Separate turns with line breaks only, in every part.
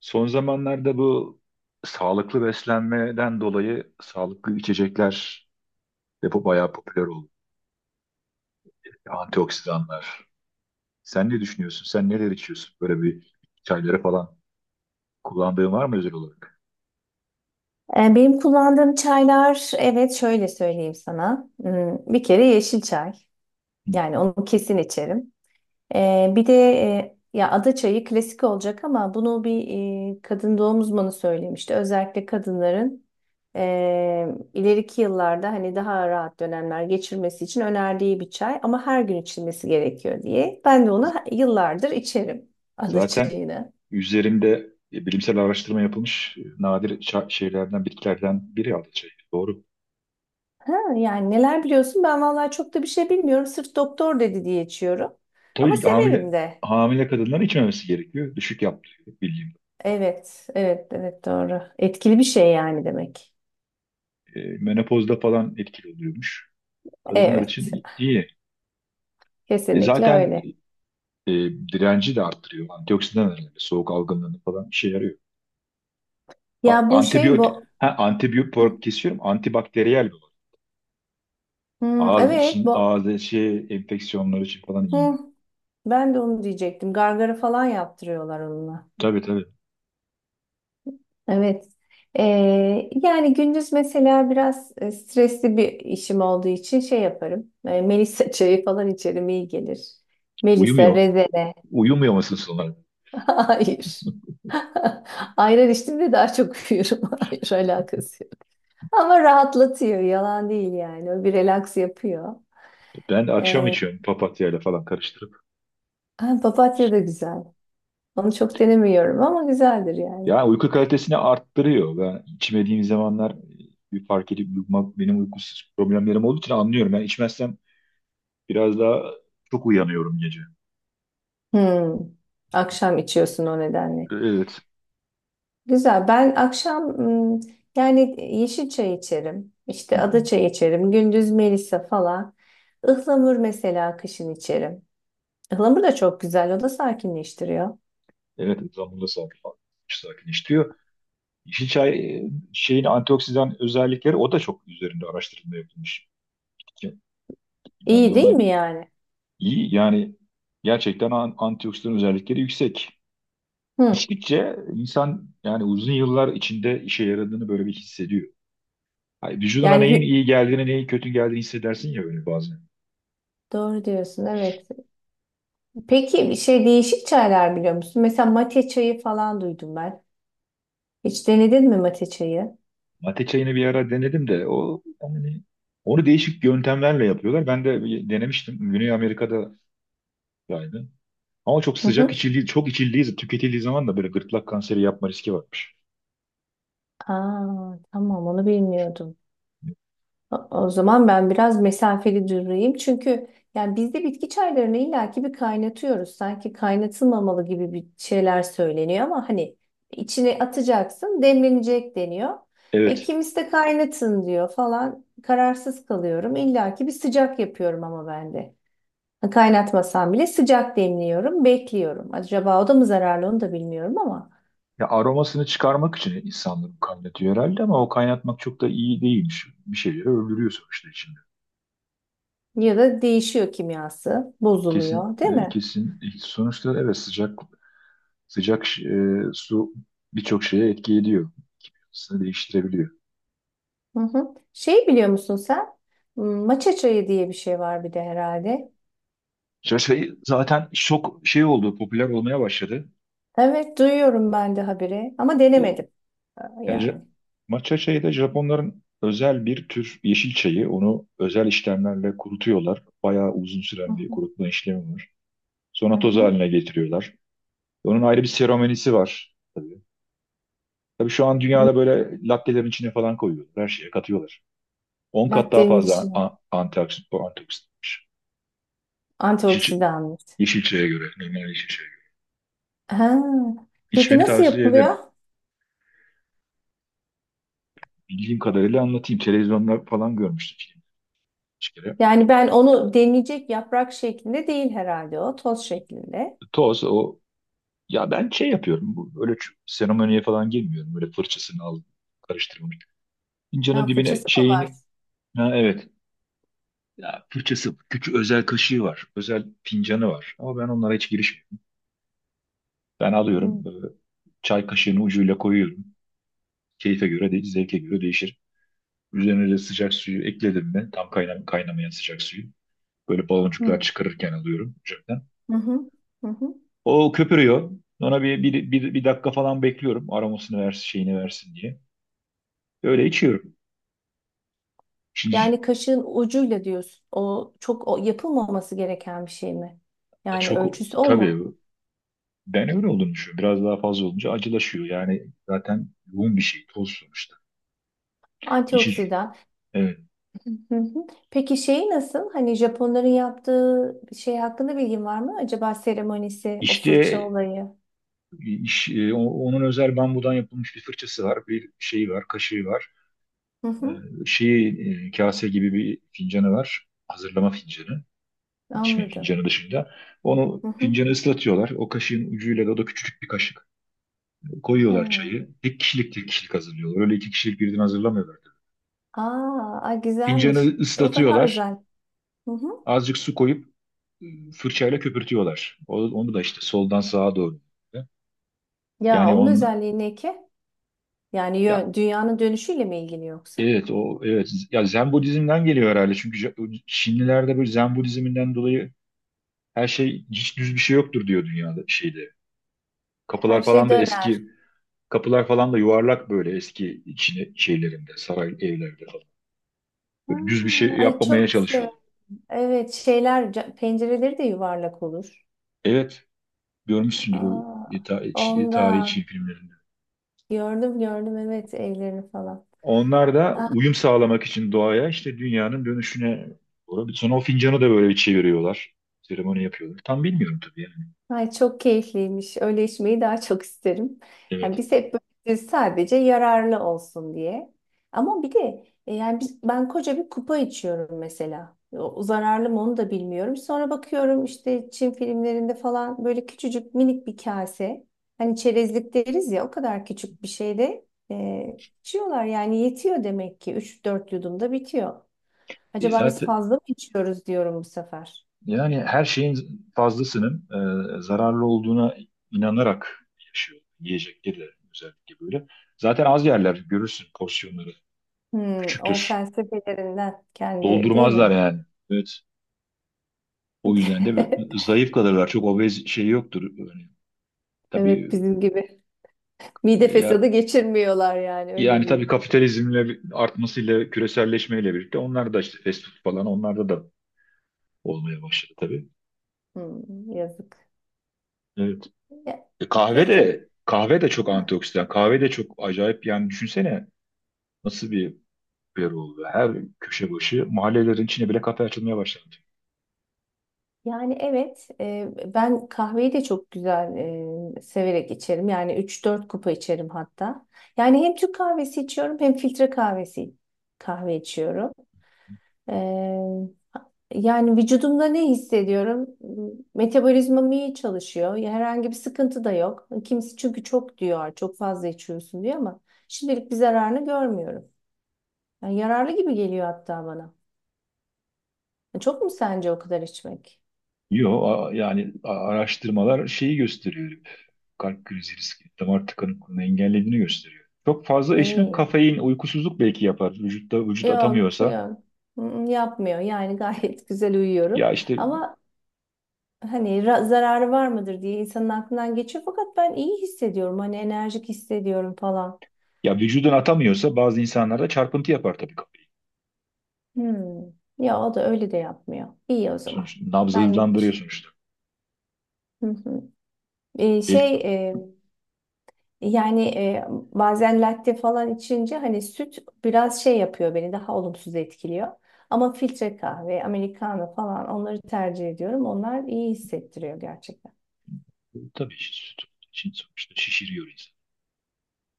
Son zamanlarda bu sağlıklı beslenmeden dolayı sağlıklı içecekler de bayağı popüler oldu. Antioksidanlar. Sen ne düşünüyorsun? Sen neler içiyorsun? Böyle bir çayları falan kullandığın var mı özel olarak?
Benim kullandığım çaylar, evet şöyle söyleyeyim sana. Hmm, bir kere yeşil çay.
Hı.
Yani onu kesin içerim. Bir de ya ada çayı klasik olacak ama bunu bir kadın doğum uzmanı söylemişti. Özellikle kadınların e, ileriki yıllarda hani daha rahat dönemler geçirmesi için önerdiği bir çay ama her gün içilmesi gerekiyor diye. Ben de onu yıllardır içerim ada
Zaten
çayını.
üzerinde bilimsel araştırma yapılmış, nadir şeylerden, bitkilerden biri aldı çayı. Doğru.
Ha, yani neler biliyorsun? Ben vallahi çok da bir şey bilmiyorum. Sırf doktor dedi diye içiyorum. Ama
Tabii ki
severim de.
hamile kadınların içmemesi gerekiyor. Düşük yaptırıyor bildiğim.
Evet, evet, evet doğru. Etkili bir şey yani demek.
Menopozda falan etkili oluyormuş. Kadınlar
Evet,
için iyi. E
kesinlikle
zaten
öyle.
e, Direnci de arttırıyor. Antioksidan önemli. Soğuk algınlığını falan işe yarıyor.
Ya bu şey bu.
Antibiyotik
Hı.
olarak kesiyorum. Antibakteriyel bir olarak.
Hmm,
Ağız
evet,
için,
bu.
ağız şey, enfeksiyonları için falan iyi.
Hı. Ben de onu diyecektim. Gargara falan yaptırıyorlar onunla.
Tabii tabii.
Evet. Ee, Yani gündüz mesela biraz stresli bir işim olduğu için şey yaparım. Melisa çayı falan içerim iyi gelir. Melisa,
Uyumuyor.
rezene.
Uyumuyor musun sonra?
Hayır. Ayran içtiğimde daha çok uyuyorum. Hayır alakası yok. Ama rahatlatıyor. Yalan değil yani. O bir relax yapıyor.
Ben de akşam
Ee,
içiyorum papatyayla falan karıştırıp.
ha, papatya da güzel. Onu çok denemiyorum ama güzeldir yani.
Yani uyku kalitesini arttırıyor. Ben içmediğim zamanlar bir fark edip uyumak benim uykusuz problemlerim olduğu için anlıyorum. Ben içmezsem biraz daha çok uyanıyorum gece.
Hmm. Akşam içiyorsun o nedenle.
Evet.
Güzel. Ben akşam hmm, yani yeşil çay içerim. İşte ada çayı içerim. Gündüz melisa falan. Ihlamur mesela kışın içerim. Ihlamur da çok güzel. O da sakinleştiriyor.
Evet, zamanında sakinleştiriyor. Yeşil çay e, şeyin antioksidan özellikleri o da çok üzerinde araştırma yapılmış. Ki ben de
İyi değil
ona
mi yani?
iyi yani gerçekten antioksidan özellikleri yüksek.
Hı.
İçtikçe insan yani uzun yıllar içinde işe yaradığını böyle bir hissediyor. Hani vücuduna
Yani
neyin iyi geldiğini, neyin kötü geldiğini hissedersin ya böyle bazen.
doğru diyorsun evet. Peki bir şey değişik çaylar biliyor musun? Mesela mate çayı falan duydum ben. Hiç denedin mi mate çayı?
Mate çayını bir ara denedim de o yani onu değişik yöntemlerle yapıyorlar. Ben de bir denemiştim. Güney Amerika'da yaydı. Ama çok
Hı
sıcak
hı.
içildiği, çok içildiği, tüketildiği zaman da böyle gırtlak kanseri yapma riski varmış.
Aa, tamam onu bilmiyordum. O zaman ben biraz mesafeli durayım. Çünkü yani biz de bitki çaylarını illaki bir kaynatıyoruz. Sanki kaynatılmamalı gibi bir şeyler söyleniyor ama hani içine atacaksın, demlenecek deniyor. E
Evet.
kimisi de kaynatın diyor falan. Kararsız kalıyorum. İllaki bir sıcak yapıyorum ama ben de. Kaynatmasam bile sıcak demliyorum, bekliyorum. Acaba o da mı zararlı onu da bilmiyorum ama.
Ya aromasını çıkarmak için insanların kaynatıyor herhalde ama o kaynatmak çok da iyi değilmiş. Bir şeyleri öldürüyor sonuçta içinde.
Ya da değişiyor kimyası,
Kesin
bozuluyor, değil
e,
mi?
kesin e, sonuçta evet sıcak sıcak su birçok şeye etki ediyor. Yapısını değiştirebiliyor.
Hı hı. Şey biliyor musun sen? Hmm, maça çayı diye bir şey var bir de herhalde.
Zaten çok şey oldu, popüler olmaya başladı.
Evet duyuyorum ben de haberi ama denemedim
Yani,
yani.
matcha çayı da Japonların özel bir tür yeşil çayı. Onu özel işlemlerle kurutuyorlar. Bayağı uzun
Hı
süren bir
hı.
kurutma işlemi var. Sonra
Hı
toz
hı.
haline getiriyorlar. Onun ayrı bir seremonisi var tabii. Tabii şu an dünyada böyle lattelerin içine falan koyuyorlar. Her şeye katıyorlar. 10 kat daha
Latte'nin
fazla
içine
antioksidan, bu antioksidanmış. Yeşil,
antioksidan.
yeşil çaya göre, normal yeşil çaya göre.
Ha. Peki
İçmeni
nasıl
tavsiye
yapılıyor?
ederim. Bildiğim kadarıyla anlatayım. Televizyonda falan görmüştüm filmi. Bir kere.
Yani ben onu demleyecek yaprak şeklinde değil herhalde o toz şeklinde.
Toz, o Ya ben şey yapıyorum. Bu, öyle seremoniye falan girmiyorum. Böyle fırçasını al, karıştırmalık. Fincanın
Ha,
dibine
fırçası mı var?
şeyini... Ha, evet. Ya fırçası, küçük özel kaşığı var. Özel fincanı var. Ama ben onlara hiç girişmiyorum. Ben alıyorum.
Hı
Çay kaşığını ucuyla koyuyorum. Keyfe göre değil, zevke göre değişir. Üzerine de sıcak suyu ekledim mi? Tam kaynamayan sıcak suyu. Böyle baloncuklar
hı.
çıkarırken alıyorum ocaktan.
Hı hı. Hı hı.
O köpürüyor. Ona bir dakika falan bekliyorum. Aromasını versin, şeyini versin diye. Öyle içiyorum. Şimdi
Yani kaşığın ucuyla diyorsun. O çok, yapılmaması gereken bir şey mi? Yani
Çok
ölçüsü o mu?
tabii ben öyle olduğunu düşünüyorum. Biraz daha fazla olunca acılaşıyor. Yani zaten yoğun bir şey toz sonuçta. İçi,
Antioksidan.
evet.
Hı hı. Peki şeyi nasıl? Hani Japonların yaptığı şey hakkında bilgin var mı? Acaba seremonisi, o
İşte
fırça olayı.
onun özel bambudan yapılmış bir fırçası var, bir şeyi var, kaşığı var.
Hı
E,
hı.
Kase gibi bir fincanı var. Hazırlama fincanı, içme
Anladım.
fincanı dışında. Onu,
Hı hı.
fincanı, ıslatıyorlar. O kaşığın ucuyla da o da küçücük bir kaşık. Koyuyorlar
He.
çayı. Tek kişilik tek kişilik hazırlıyorlar. Öyle iki kişilik birden hazırlamıyorlar. Tabii.
Aa, ay güzelmiş.
Fincanı
O daha
ıslatıyorlar.
özel. Hı hı.
Azıcık su koyup fırçayla köpürtüyorlar. Onu da işte soldan sağa doğru.
Ya
Yani
onun özelliği ne ki? Yani
ya
dünyanın dönüşüyle mi ilgili yoksa?
evet evet ya Zen Budizm'den geliyor herhalde. Çünkü Çinlilerde böyle Zen Budizm'inden dolayı her şey hiç düz bir şey yoktur diyor dünyada şeyde.
Her
Kapılar
şey
falan da
döner.
eski kapılar falan da yuvarlak böyle eski Çin şeylerinde saray evlerde falan.
Ha,
Böyle düz bir şey
ay
yapmamaya
çok sev.
çalışıyor.
Evet şeyler pencereleri de yuvarlak olur.
Evet, görmüşsündür o
Aa,
e, ta- e, Çin-
onda
tarihi Çin filmlerinde.
gördüm evet evlerini falan.
Onlar da uyum sağlamak için doğaya işte dünyanın dönüşüne doğru. Sonra o fincanı da böyle bir çeviriyorlar. Seremoni yapıyorlar. Tam bilmiyorum tabii yani.
Ay çok keyifliymiş. Öyle içmeyi daha çok isterim. Yani
Evet.
biz hep böyle sadece yararlı olsun diye. Ama bir de yani biz, ben koca bir kupa içiyorum mesela. O, zararlı mı onu da bilmiyorum. Sonra bakıyorum işte Çin filmlerinde falan böyle küçücük minik bir kase. Hani çerezlik deriz ya o kadar küçük bir şeyde içiyorlar. Yani yetiyor demek ki üç dört yudumda bitiyor. Acaba biz
Zaten
fazla mı içiyoruz diyorum bu sefer.
yani her şeyin fazlasının zararlı olduğuna inanarak yaşıyor. Yiyecekleri de özellikle böyle. Zaten az yerler görürsün porsiyonları.
Hmm, o
Küçüktür.
felsefelerinden kendi değil
Doldurmazlar
mi?
yani. Evet. O yüzden de zayıf kalırlar. Çok obez şey yoktur. Tabii
Evet bizim gibi. Mide
e, ya
fesadı geçirmiyorlar yani öyle
Yani tabii
diyeyim.
kapitalizmle artmasıyla, küreselleşmeyle birlikte onlar da işte fast food falan onlarda da olmaya başladı tabii.
Hmm, yazık.
Evet.
Ya,
Kahve
peki.
de çok
Ha,
antioksidan. Kahve de çok acayip yani düşünsene nasıl bir yer oldu. Her köşe başı mahallelerin içine bile kafe açılmaya başlandı.
yani evet ben kahveyi de çok güzel severek içerim. Yani üç dört kupa içerim hatta. Yani hem Türk kahvesi içiyorum hem filtre kahve içiyorum. E, Yani vücudumda ne hissediyorum? Metabolizmam iyi çalışıyor. Ya herhangi bir sıkıntı da yok. Kimisi çünkü çok diyor, çok fazla içiyorsun diyor ama şimdilik bir zararını görmüyorum. Yani yararlı gibi geliyor hatta bana. Çok mu sence o kadar içmek?
Yo, yani araştırmalar şeyi gösteriyor. Kalp krizi riski, damar tıkanıklığını engellediğini gösteriyor. Çok fazla içmek
Ee,
kafein, uykusuzluk belki yapar. Vücut
Yok
atamıyorsa.
yok. Mm, yapmıyor. Yani gayet güzel uyuyorum.
Ya işte
Ama hani zararı var mıdır diye insanın aklından geçiyor. Fakat ben iyi hissediyorum. Hani enerjik hissediyorum falan.
Ya vücudun atamıyorsa bazı insanlarda çarpıntı yapar tabii kafayı.
Hmm. Ya o da öyle de yapmıyor. İyi o zaman.
Sonuçta nabzı
Benlik bir
hızlandırıyor
şey.
sonuçta.
Hı hı. Ee,
El,
şey e, yani bazen latte falan içince hani süt biraz şey yapıyor beni daha olumsuz etkiliyor. Ama filtre kahve, americano falan onları tercih ediyorum. Onlar iyi hissettiriyor gerçekten.
tabii için sonuçta şişiriyor insan.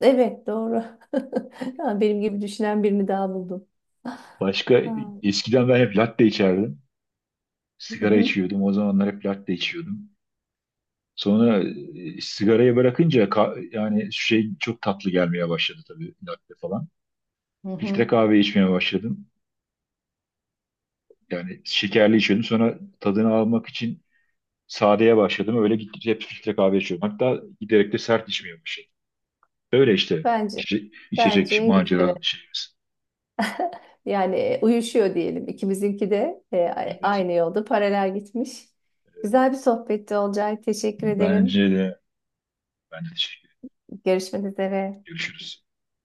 Evet doğru. Ha, benim gibi düşünen birini daha buldum.
Başka
Ha.
Eskiden ben hep latte içerdim.
Hı
Sigara
hı.
içiyordum. O zamanlar hep latte içiyordum. Sonra sigarayı bırakınca yani şey çok tatlı gelmeye başladı tabii latte falan.
Hı hı.
Filtre kahve içmeye başladım. Yani şekerli içiyordum. Sonra tadını almak için sadeye başladım. Öyle gittikçe hep filtre kahve içiyorum. Hatta giderek de sert içmeye başladım. Öyle işte
Bence bence
içecek
en güzeli.
macera şeyimiz.
Yani uyuşuyor diyelim. İkimizinki de
Evet,
aynı yolda paralel gitmiş. Güzel bir sohbetti Olcay. Teşekkür
bence
ederim.
de ben de teşekkür ederim.
Görüşmek üzere.
Görüşürüz.